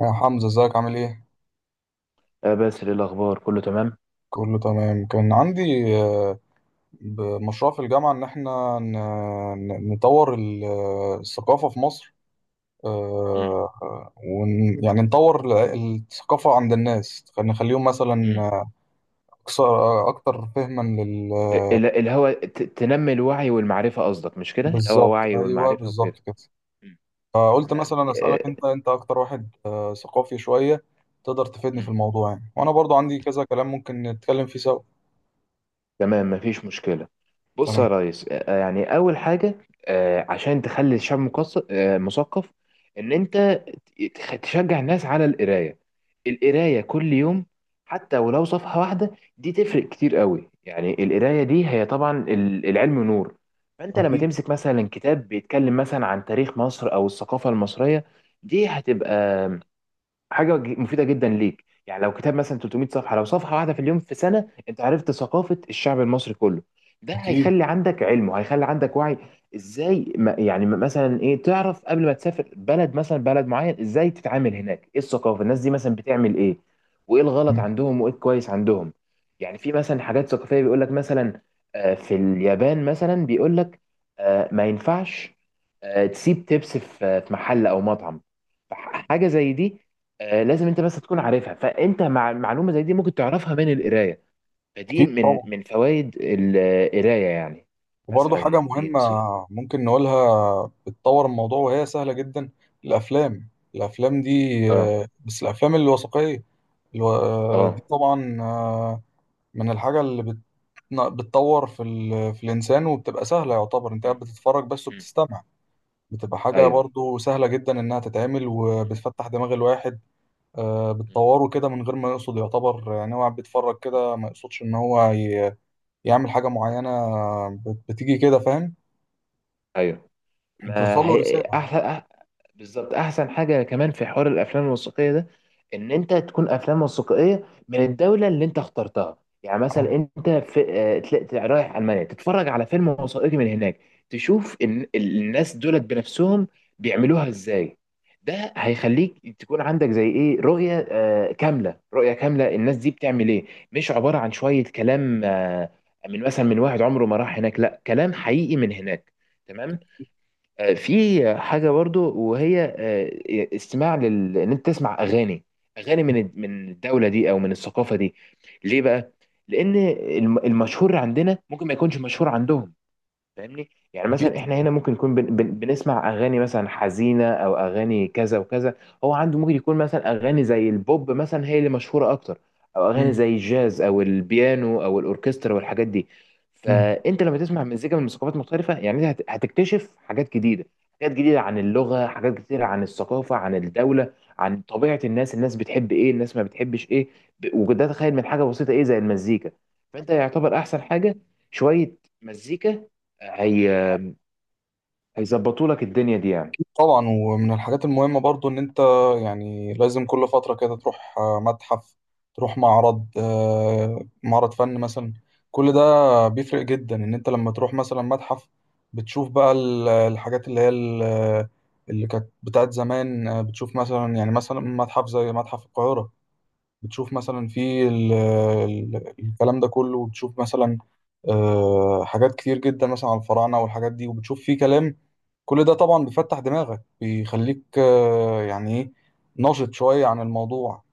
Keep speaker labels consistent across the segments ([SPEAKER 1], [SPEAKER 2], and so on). [SPEAKER 1] يا حمزة ازيك عامل ايه؟
[SPEAKER 2] باسل، إيه الأخبار؟ كله تمام.
[SPEAKER 1] كله تمام. كان عندي مشروع في الجامعة ان احنا نطور الثقافة في مصر.
[SPEAKER 2] مم.
[SPEAKER 1] آه، ون يعني نطور الثقافة عند الناس، نخليهم مثلا
[SPEAKER 2] مم.
[SPEAKER 1] أكتر فهما
[SPEAKER 2] الهوى تنمي الوعي والمعرفة، قصدك؟ مش كده، الهوى
[SPEAKER 1] بالظبط
[SPEAKER 2] وعي
[SPEAKER 1] أيوه،
[SPEAKER 2] والمعرفة
[SPEAKER 1] بالظبط
[SPEAKER 2] وكده.
[SPEAKER 1] كده.
[SPEAKER 2] مم.
[SPEAKER 1] فقلت
[SPEAKER 2] تمام.
[SPEAKER 1] مثلا أسألك أنت أكتر واحد ثقافي شوية. تقدر تفيدني في
[SPEAKER 2] مم.
[SPEAKER 1] الموضوع يعني، وأنا برضو عندي كذا كلام ممكن نتكلم فيه سوا.
[SPEAKER 2] تمام، مفيش مشكلة. بص
[SPEAKER 1] تمام.
[SPEAKER 2] يا ريس، يعني أول حاجة، عشان تخلي الشعب مثقف، إن أنت تشجع الناس على القراية، القراية كل يوم، حتى ولو صفحة واحدة. دي تفرق كتير قوي، يعني القراية دي هي طبعا العلم نور. فأنت لما
[SPEAKER 1] أكيد
[SPEAKER 2] تمسك مثلا كتاب بيتكلم مثلا عن تاريخ مصر أو الثقافة المصرية، دي هتبقى حاجه مفيده جدا ليك. يعني لو كتاب مثلا 300 صفحه، لو صفحه واحده في اليوم في سنه، انت عرفت ثقافه الشعب المصري كله. ده
[SPEAKER 1] أكيد.
[SPEAKER 2] هيخلي عندك علم وهيخلي عندك وعي. ازاي ما يعني مثلا ايه تعرف قبل ما تسافر بلد، مثلا بلد معين ازاي تتعامل هناك، ايه الثقافه، الناس دي مثلا بتعمل ايه، وايه الغلط
[SPEAKER 1] أمم،
[SPEAKER 2] عندهم وايه الكويس عندهم. يعني في مثلا حاجات ثقافيه بيقول لك، مثلا في اليابان مثلا بيقول لك ما ينفعش تسيب تبس في محل او مطعم، حاجه زي دي لازم انت بس تكون عارفها. فانت مع معلومه زي دي ممكن تعرفها من القرايه. فدي
[SPEAKER 1] أكيد طبعا.
[SPEAKER 2] من فوائد القرايه يعني.
[SPEAKER 1] وبرضه حاجة
[SPEAKER 2] مثلا، دي
[SPEAKER 1] مهمة
[SPEAKER 2] نصيحه.
[SPEAKER 1] ممكن نقولها بتطور الموضوع، وهي سهلة جدا. الأفلام الأفلام دي،
[SPEAKER 2] اه.
[SPEAKER 1] بس الأفلام الوثائقية.
[SPEAKER 2] اه.
[SPEAKER 1] دي طبعا من الحاجة اللي بتطور في الإنسان، وبتبقى سهلة، يعتبر أنت قاعد
[SPEAKER 2] م-
[SPEAKER 1] بتتفرج بس
[SPEAKER 2] م.
[SPEAKER 1] وبتستمع. بتبقى حاجة
[SPEAKER 2] ايوه.
[SPEAKER 1] برضه سهلة جدا إنها تتعمل،
[SPEAKER 2] م-
[SPEAKER 1] وبتفتح دماغ الواحد.
[SPEAKER 2] م-
[SPEAKER 1] بتطوره كده من غير ما يقصد، يعتبر يعني هو قاعد بيتفرج
[SPEAKER 2] م.
[SPEAKER 1] كده، ما يقصدش إن هو يعمل حاجة معينة. بتيجي كده، فاهم؟
[SPEAKER 2] ايوه،
[SPEAKER 1] بتوصل
[SPEAKER 2] ما
[SPEAKER 1] له
[SPEAKER 2] هي
[SPEAKER 1] رسالة يعني.
[SPEAKER 2] احسن. بالظبط احسن حاجه كمان في حوار الافلام الوثائقيه ده، ان انت تكون افلام وثائقيه من الدوله اللي انت اخترتها. يعني مثلا
[SPEAKER 1] اه
[SPEAKER 2] انت في تلاقي رايح المانيا، تتفرج على فيلم وثائقي من هناك، تشوف ان الناس دولت بنفسهم بيعملوها ازاي. ده هيخليك تكون عندك زي ايه، رؤيه كامله، رؤيه كامله، الناس دي بتعمل ايه، مش عباره عن شويه كلام من مثلا من واحد عمره ما راح هناك، لا، كلام حقيقي من هناك. تمام. في حاجة برضو، وهي ان انت تسمع اغاني، اغاني من الدولة دي او من الثقافة دي. ليه بقى؟ لان المشهور عندنا ممكن ما يكونش مشهور عندهم. فاهمني؟ يعني
[SPEAKER 1] أكيد.
[SPEAKER 2] مثلا احنا هنا ممكن يكون بن بن بنسمع اغاني مثلا حزينه او اغاني كذا وكذا. هو عنده ممكن يكون مثلا اغاني زي البوب مثلا هي اللي مشهوره اكتر، او اغاني
[SPEAKER 1] مم.
[SPEAKER 2] زي الجاز او البيانو او الاوركسترا والحاجات دي.
[SPEAKER 1] مم.
[SPEAKER 2] فانت لما تسمع مزيكا من ثقافات مختلفه، يعني انت هتكتشف حاجات جديده، حاجات جديده عن اللغه، حاجات كتيره عن الثقافه، عن الدوله، عن طبيعه الناس. الناس بتحب ايه، الناس ما بتحبش ايه. وده تخيل من حاجه بسيطه ايه زي المزيكا. فانت يعتبر احسن حاجه شويه مزيكا هي هيظبطوا لك الدنيا دي يعني.
[SPEAKER 1] طبعا، ومن الحاجات المهمة برضو إن أنت يعني لازم كل فترة كده تروح متحف، تروح معرض معرض فن مثلا. كل ده بيفرق جدا. إن أنت لما تروح مثلا متحف، بتشوف بقى الحاجات اللي هي اللي كانت بتاعت زمان. بتشوف مثلا، يعني مثلا متحف زي متحف القاهرة، بتشوف مثلا في الكلام ده كله، وبتشوف مثلا حاجات كتير جدا مثلا على الفراعنة والحاجات دي، وبتشوف فيه كلام. كل ده طبعا بيفتح دماغك، بيخليك يعني ايه، ناشط شوية عن الموضوع.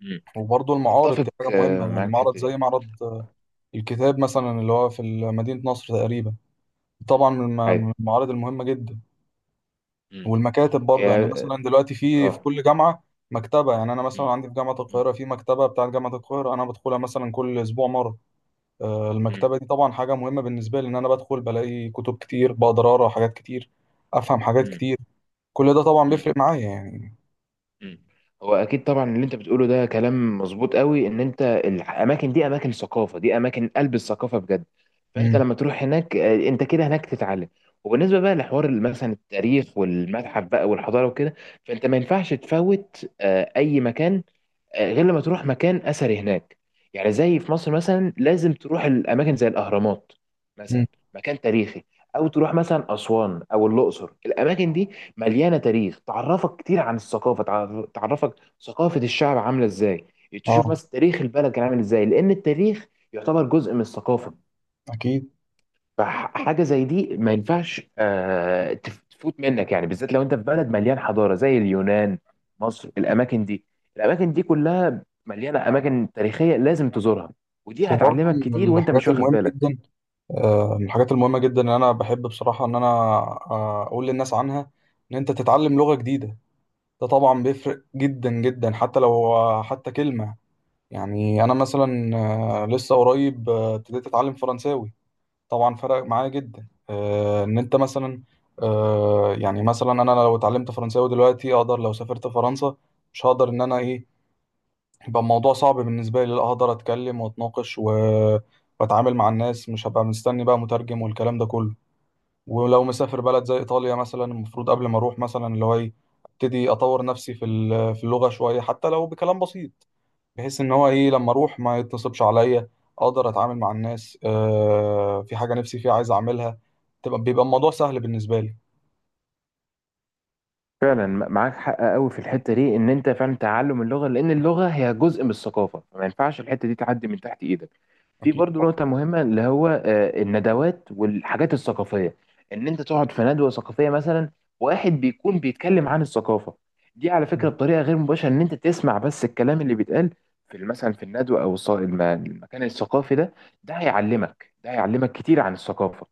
[SPEAKER 2] مم.
[SPEAKER 1] وبرضه المعارض
[SPEAKER 2] اتفق
[SPEAKER 1] دي حاجة مهمة، يعني
[SPEAKER 2] معاك في
[SPEAKER 1] معرض
[SPEAKER 2] الحته دي.
[SPEAKER 1] زي معرض الكتاب مثلا اللي هو في مدينة نصر تقريبا، طبعا من
[SPEAKER 2] ايوه.
[SPEAKER 1] من المعارض المهمة جدا.
[SPEAKER 2] مم.
[SPEAKER 1] والمكاتب
[SPEAKER 2] هي.
[SPEAKER 1] برضه، يعني مثلا دلوقتي في
[SPEAKER 2] اه.
[SPEAKER 1] كل جامعة مكتبة. يعني أنا مثلا
[SPEAKER 2] مم.
[SPEAKER 1] عندي في جامعة
[SPEAKER 2] مم.
[SPEAKER 1] القاهرة في مكتبة بتاعة جامعة القاهرة، أنا بدخلها مثلا كل أسبوع مرة.
[SPEAKER 2] مم.
[SPEAKER 1] المكتبة دي طبعا حاجة مهمة بالنسبة لي، إن أنا بدخل بلاقي كتب كتير، بقدر أقرأ حاجات كتير، أفهم حاجات
[SPEAKER 2] مم.
[SPEAKER 1] كتير. كل ده طبعا
[SPEAKER 2] مم.
[SPEAKER 1] بيفرق معايا يعني.
[SPEAKER 2] مم. هو اكيد طبعا اللي انت بتقوله ده كلام مظبوط قوي، ان انت الاماكن دي اماكن ثقافه، دي اماكن قلب الثقافه بجد. فانت
[SPEAKER 1] مم.
[SPEAKER 2] لما تروح هناك انت كده هناك تتعلم. وبالنسبه بقى لحوار مثلا التاريخ والمتحف بقى والحضاره وكده، فانت ما ينفعش تفوت اي مكان، غير لما تروح مكان اثري هناك. يعني زي في مصر مثلا، لازم تروح الاماكن زي الاهرامات
[SPEAKER 1] مم.
[SPEAKER 2] مثلا، مكان تاريخي، او تروح مثلا اسوان او الاقصر. الاماكن دي مليانه تاريخ، تعرفك كتير عن الثقافه، تعرفك ثقافه الشعب عامله ازاي، تشوف
[SPEAKER 1] أه
[SPEAKER 2] مثلا تاريخ البلد كان عامل ازاي، لان التاريخ يعتبر جزء من الثقافه.
[SPEAKER 1] أكيد.
[SPEAKER 2] فحاجه زي دي ما ينفعش تفوت منك، يعني بالذات لو انت في بلد مليان حضاره زي اليونان، مصر، الاماكن دي. الاماكن دي كلها مليانه اماكن تاريخيه، لازم تزورها، ودي
[SPEAKER 1] وبرضه
[SPEAKER 2] هتعلمك كتير وانت مش واخد بالك.
[SPEAKER 1] من الحاجات المهمة جدا إن أنا بحب بصراحة، إن أنا أقول للناس عنها إن أنت تتعلم لغة جديدة. ده طبعا بيفرق جدا جدا، حتى لو آه، حتى كلمة. يعني أنا مثلا لسه قريب ابتديت أتعلم فرنساوي. طبعا فرق معايا جدا، ان انت مثلا، يعني مثلا انا لو اتعلمت فرنساوي دلوقتي اقدر، لو سافرت فرنسا، مش هقدر ان انا ايه، يبقى الموضوع صعب بالنسبه لي، لا اقدر اتكلم واتناقش واتعامل مع الناس، مش هبقى مستني بقى مترجم والكلام ده كله. ولو مسافر بلد زي ايطاليا مثلا، المفروض قبل ما اروح مثلا اللي هو ايه، ابتدي اطور نفسي في في اللغه شويه، حتى لو بكلام بسيط، بحيث ان هو ايه لما اروح ما يتصلش عليا، اقدر اتعامل مع الناس، في حاجه نفسي فيها عايز اعملها، بيبقى الموضوع سهل بالنسبه لي.
[SPEAKER 2] فعلا معاك حق قوي في الحته دي، ان انت فعلا تعلم اللغه، لان اللغه هي جزء من الثقافه، فما ينفعش الحته دي تعدي من تحت ايدك. في
[SPEAKER 1] اكيد
[SPEAKER 2] برضو
[SPEAKER 1] طبعا.
[SPEAKER 2] نقطه مهمه اللي هو الندوات والحاجات الثقافيه، ان انت تقعد في ندوه ثقافيه مثلا، واحد بيكون بيتكلم عن الثقافه دي على فكره بطريقه غير مباشره، ان انت تسمع بس الكلام اللي بيتقال في مثلا في الندوه، او المكان الثقافي ده. ده هيعلمك كتير عن الثقافه.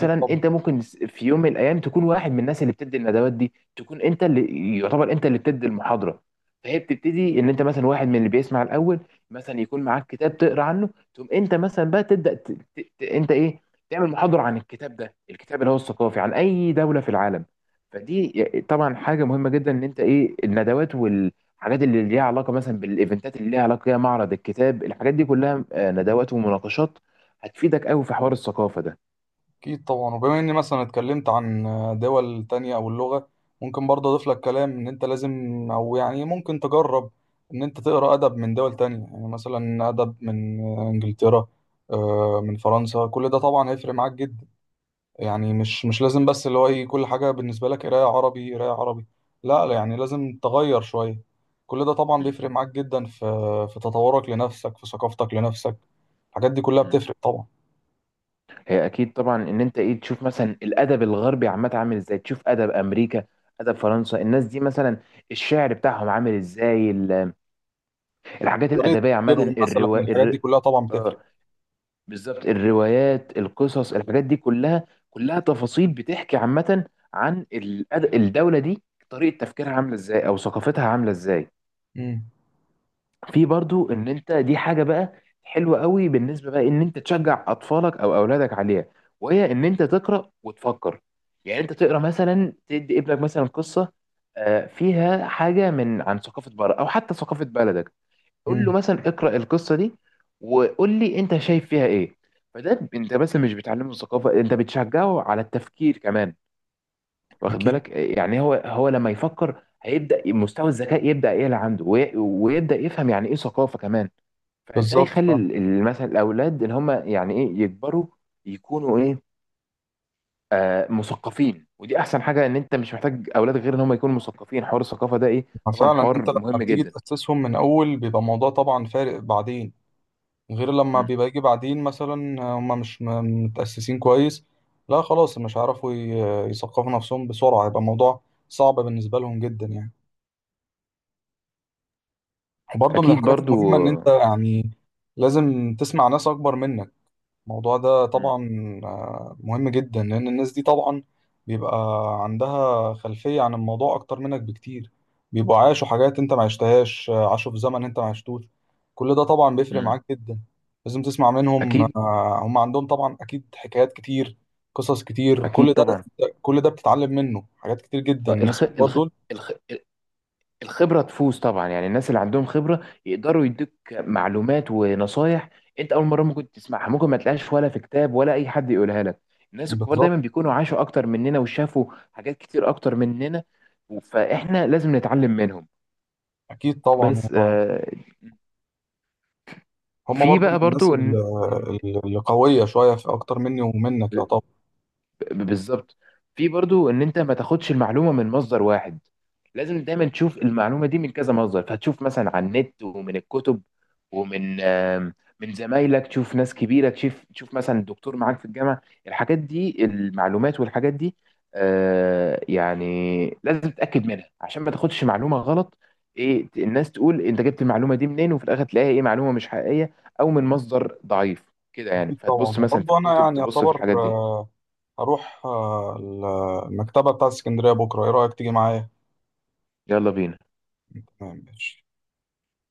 [SPEAKER 1] اكيد طبعا.
[SPEAKER 2] انت ممكن في يوم من الايام تكون واحد من الناس اللي بتدي الندوات دي، تكون انت اللي يعتبر انت اللي بتدي المحاضره. فهي بتبتدي ان انت مثلا واحد من اللي بيسمع الاول، مثلا يكون معاك كتاب تقرا عنه، تقوم انت مثلا بقى تبدا انت ايه، تعمل محاضره عن الكتاب ده، الكتاب اللي هو الثقافي عن اي دوله في العالم. فدي طبعا حاجه مهمه جدا، ان انت ايه، الندوات والحاجات اللي ليها علاقه مثلا بالايفنتات اللي ليها علاقه بيها، معرض الكتاب، الحاجات دي كلها ندوات ومناقشات، هتفيدك قوي في حوار الثقافه ده.
[SPEAKER 1] اكيد طبعا. وبما اني مثلا اتكلمت عن دول تانية او اللغه، ممكن برضه اضيف لك كلام، ان انت لازم، او يعني ممكن تجرب ان انت تقرا ادب من دول تانية. يعني مثلا ادب من انجلترا، من فرنسا، كل ده طبعا هيفرق معاك جدا. يعني مش لازم بس اللي هو ايه كل حاجة بالنسبة لك قراية عربي قراية عربي. لا لا، يعني لازم تغير شوية. كل ده طبعا
[SPEAKER 2] م.
[SPEAKER 1] بيفرق معاك جدا في تطورك لنفسك، في ثقافتك لنفسك. الحاجات دي كلها
[SPEAKER 2] م.
[SPEAKER 1] بتفرق طبعا.
[SPEAKER 2] هي اكيد طبعا، ان انت ايه، تشوف مثلا الادب الغربي عامه عامل ازاي، تشوف ادب امريكا، ادب فرنسا، الناس دي مثلا الشعر بتاعهم عامل ازاي، الحاجات
[SPEAKER 1] طريقة
[SPEAKER 2] الادبيه عامه،
[SPEAKER 1] تفكيرهم مثلا، الحاجات دي كلها طبعا بتفرق.
[SPEAKER 2] آه بالظبط، الروايات، القصص، الحاجات دي كلها كلها تفاصيل بتحكي عامه عن الدوله دي، طريقه تفكيرها عامله ازاي، او ثقافتها عامله ازاي.
[SPEAKER 1] امم.
[SPEAKER 2] في برضو ان انت دي حاجه بقى حلوه قوي بالنسبه، بقى ان انت تشجع اطفالك او اولادك عليها، وهي ان انت تقرا وتفكر. يعني انت تقرا مثلا، تدي ابنك مثلا قصه فيها حاجه عن ثقافه بره، او حتى ثقافه بلدك، قول له
[SPEAKER 1] امم.
[SPEAKER 2] مثلا اقرا القصه دي، وقول لي انت شايف فيها ايه. فده انت مثلا مش بتعلمه الثقافه، انت بتشجعه على التفكير كمان. واخد
[SPEAKER 1] اكيد.
[SPEAKER 2] بالك؟ يعني هو لما يفكر هيبدا مستوى الذكاء يبدا يعلى عنده، ويبدا يفهم يعني ايه ثقافه كمان. فده
[SPEAKER 1] بالظبط
[SPEAKER 2] يخلي
[SPEAKER 1] فعلا.
[SPEAKER 2] مثلا الاولاد، ان هم يعني ايه، يكبروا يكونوا ايه، مثقفين. ودي احسن حاجه، ان انت مش محتاج اولاد غير ان هم يكونوا مثقفين. حوار الثقافه ده ايه؟ طبعا
[SPEAKER 1] فعلا
[SPEAKER 2] حوار
[SPEAKER 1] انت لما
[SPEAKER 2] مهم
[SPEAKER 1] بتيجي
[SPEAKER 2] جدا.
[SPEAKER 1] تأسسهم من اول، بيبقى الموضوع طبعا فارق بعدين، غير لما
[SPEAKER 2] مم.
[SPEAKER 1] بيبقى يجي بعدين مثلا هما مش متأسسين كويس. لا خلاص، مش هيعرفوا يثقفوا نفسهم بسرعة، هيبقى الموضوع صعب بالنسبة لهم جدا يعني. وبرضه من
[SPEAKER 2] اكيد
[SPEAKER 1] الحاجات
[SPEAKER 2] برضو.
[SPEAKER 1] المهمة إن أنت
[SPEAKER 2] مم.
[SPEAKER 1] يعني لازم تسمع ناس أكبر منك. الموضوع ده
[SPEAKER 2] مم.
[SPEAKER 1] طبعا مهم جدا، لأن الناس دي طبعا بيبقى عندها خلفية عن الموضوع أكتر منك بكتير، بيبقوا عاشوا حاجات أنت ما عشتهاش، عاشوا في زمن أنت ما عشتوش. كل ده طبعا بيفرق
[SPEAKER 2] مم.
[SPEAKER 1] معاك جدا. لازم تسمع منهم،
[SPEAKER 2] اكيد.
[SPEAKER 1] هم عندهم طبعا أكيد حكايات كتير، قصص كتير.
[SPEAKER 2] اكيد
[SPEAKER 1] كل ده
[SPEAKER 2] طبعا.
[SPEAKER 1] كل ده بتتعلم منه حاجات كتير جدا، الناس
[SPEAKER 2] الخ...
[SPEAKER 1] الكبار
[SPEAKER 2] الخ...
[SPEAKER 1] دول.
[SPEAKER 2] الخ... الخبرة تفوز طبعا، يعني الناس اللي عندهم خبرة يقدروا يدوك معلومات ونصايح انت اول مرة ممكن تسمعها، ممكن ما تلاقيهاش ولا في كتاب ولا اي حد يقولها لك. الناس الكبار دايما
[SPEAKER 1] بالظبط.
[SPEAKER 2] بيكونوا عاشوا اكتر مننا، وشافوا حاجات كتير اكتر مننا، فاحنا لازم نتعلم منهم.
[SPEAKER 1] أكيد طبعا.
[SPEAKER 2] بس
[SPEAKER 1] هم
[SPEAKER 2] في
[SPEAKER 1] برضو
[SPEAKER 2] بقى
[SPEAKER 1] من الناس
[SPEAKER 2] برضو إن- إن-
[SPEAKER 1] اللي قوية شوية في أكتر مني ومنك يعتبر.
[SPEAKER 2] بالظبط. في برضو ان انت ما تاخدش المعلومه من مصدر واحد، لازم دايما تشوف المعلومه دي من كذا مصدر. فهتشوف مثلا على النت، ومن الكتب، ومن آم، من زمايلك، تشوف ناس كبيره، تشوف مثلا دكتور معاك في الجامعه. الحاجات دي، المعلومات والحاجات دي يعني لازم تتاكد منها عشان ما تاخدش معلومه غلط. ايه الناس تقول انت جبت المعلومه دي منين، وفي الاخر تلاقيها ايه، معلومه مش حقيقيه، او من مصدر ضعيف كده يعني.
[SPEAKER 1] أكيد طبعا.
[SPEAKER 2] فتبص مثلا في
[SPEAKER 1] وبرضه أنا
[SPEAKER 2] الكتب،
[SPEAKER 1] يعني
[SPEAKER 2] تبص في
[SPEAKER 1] أعتبر
[SPEAKER 2] الحاجات دي.
[SPEAKER 1] هروح المكتبة بتاعت اسكندرية بكرة، إيه رأيك تيجي معايا؟
[SPEAKER 2] يلا بينا.
[SPEAKER 1] تمام ماشي.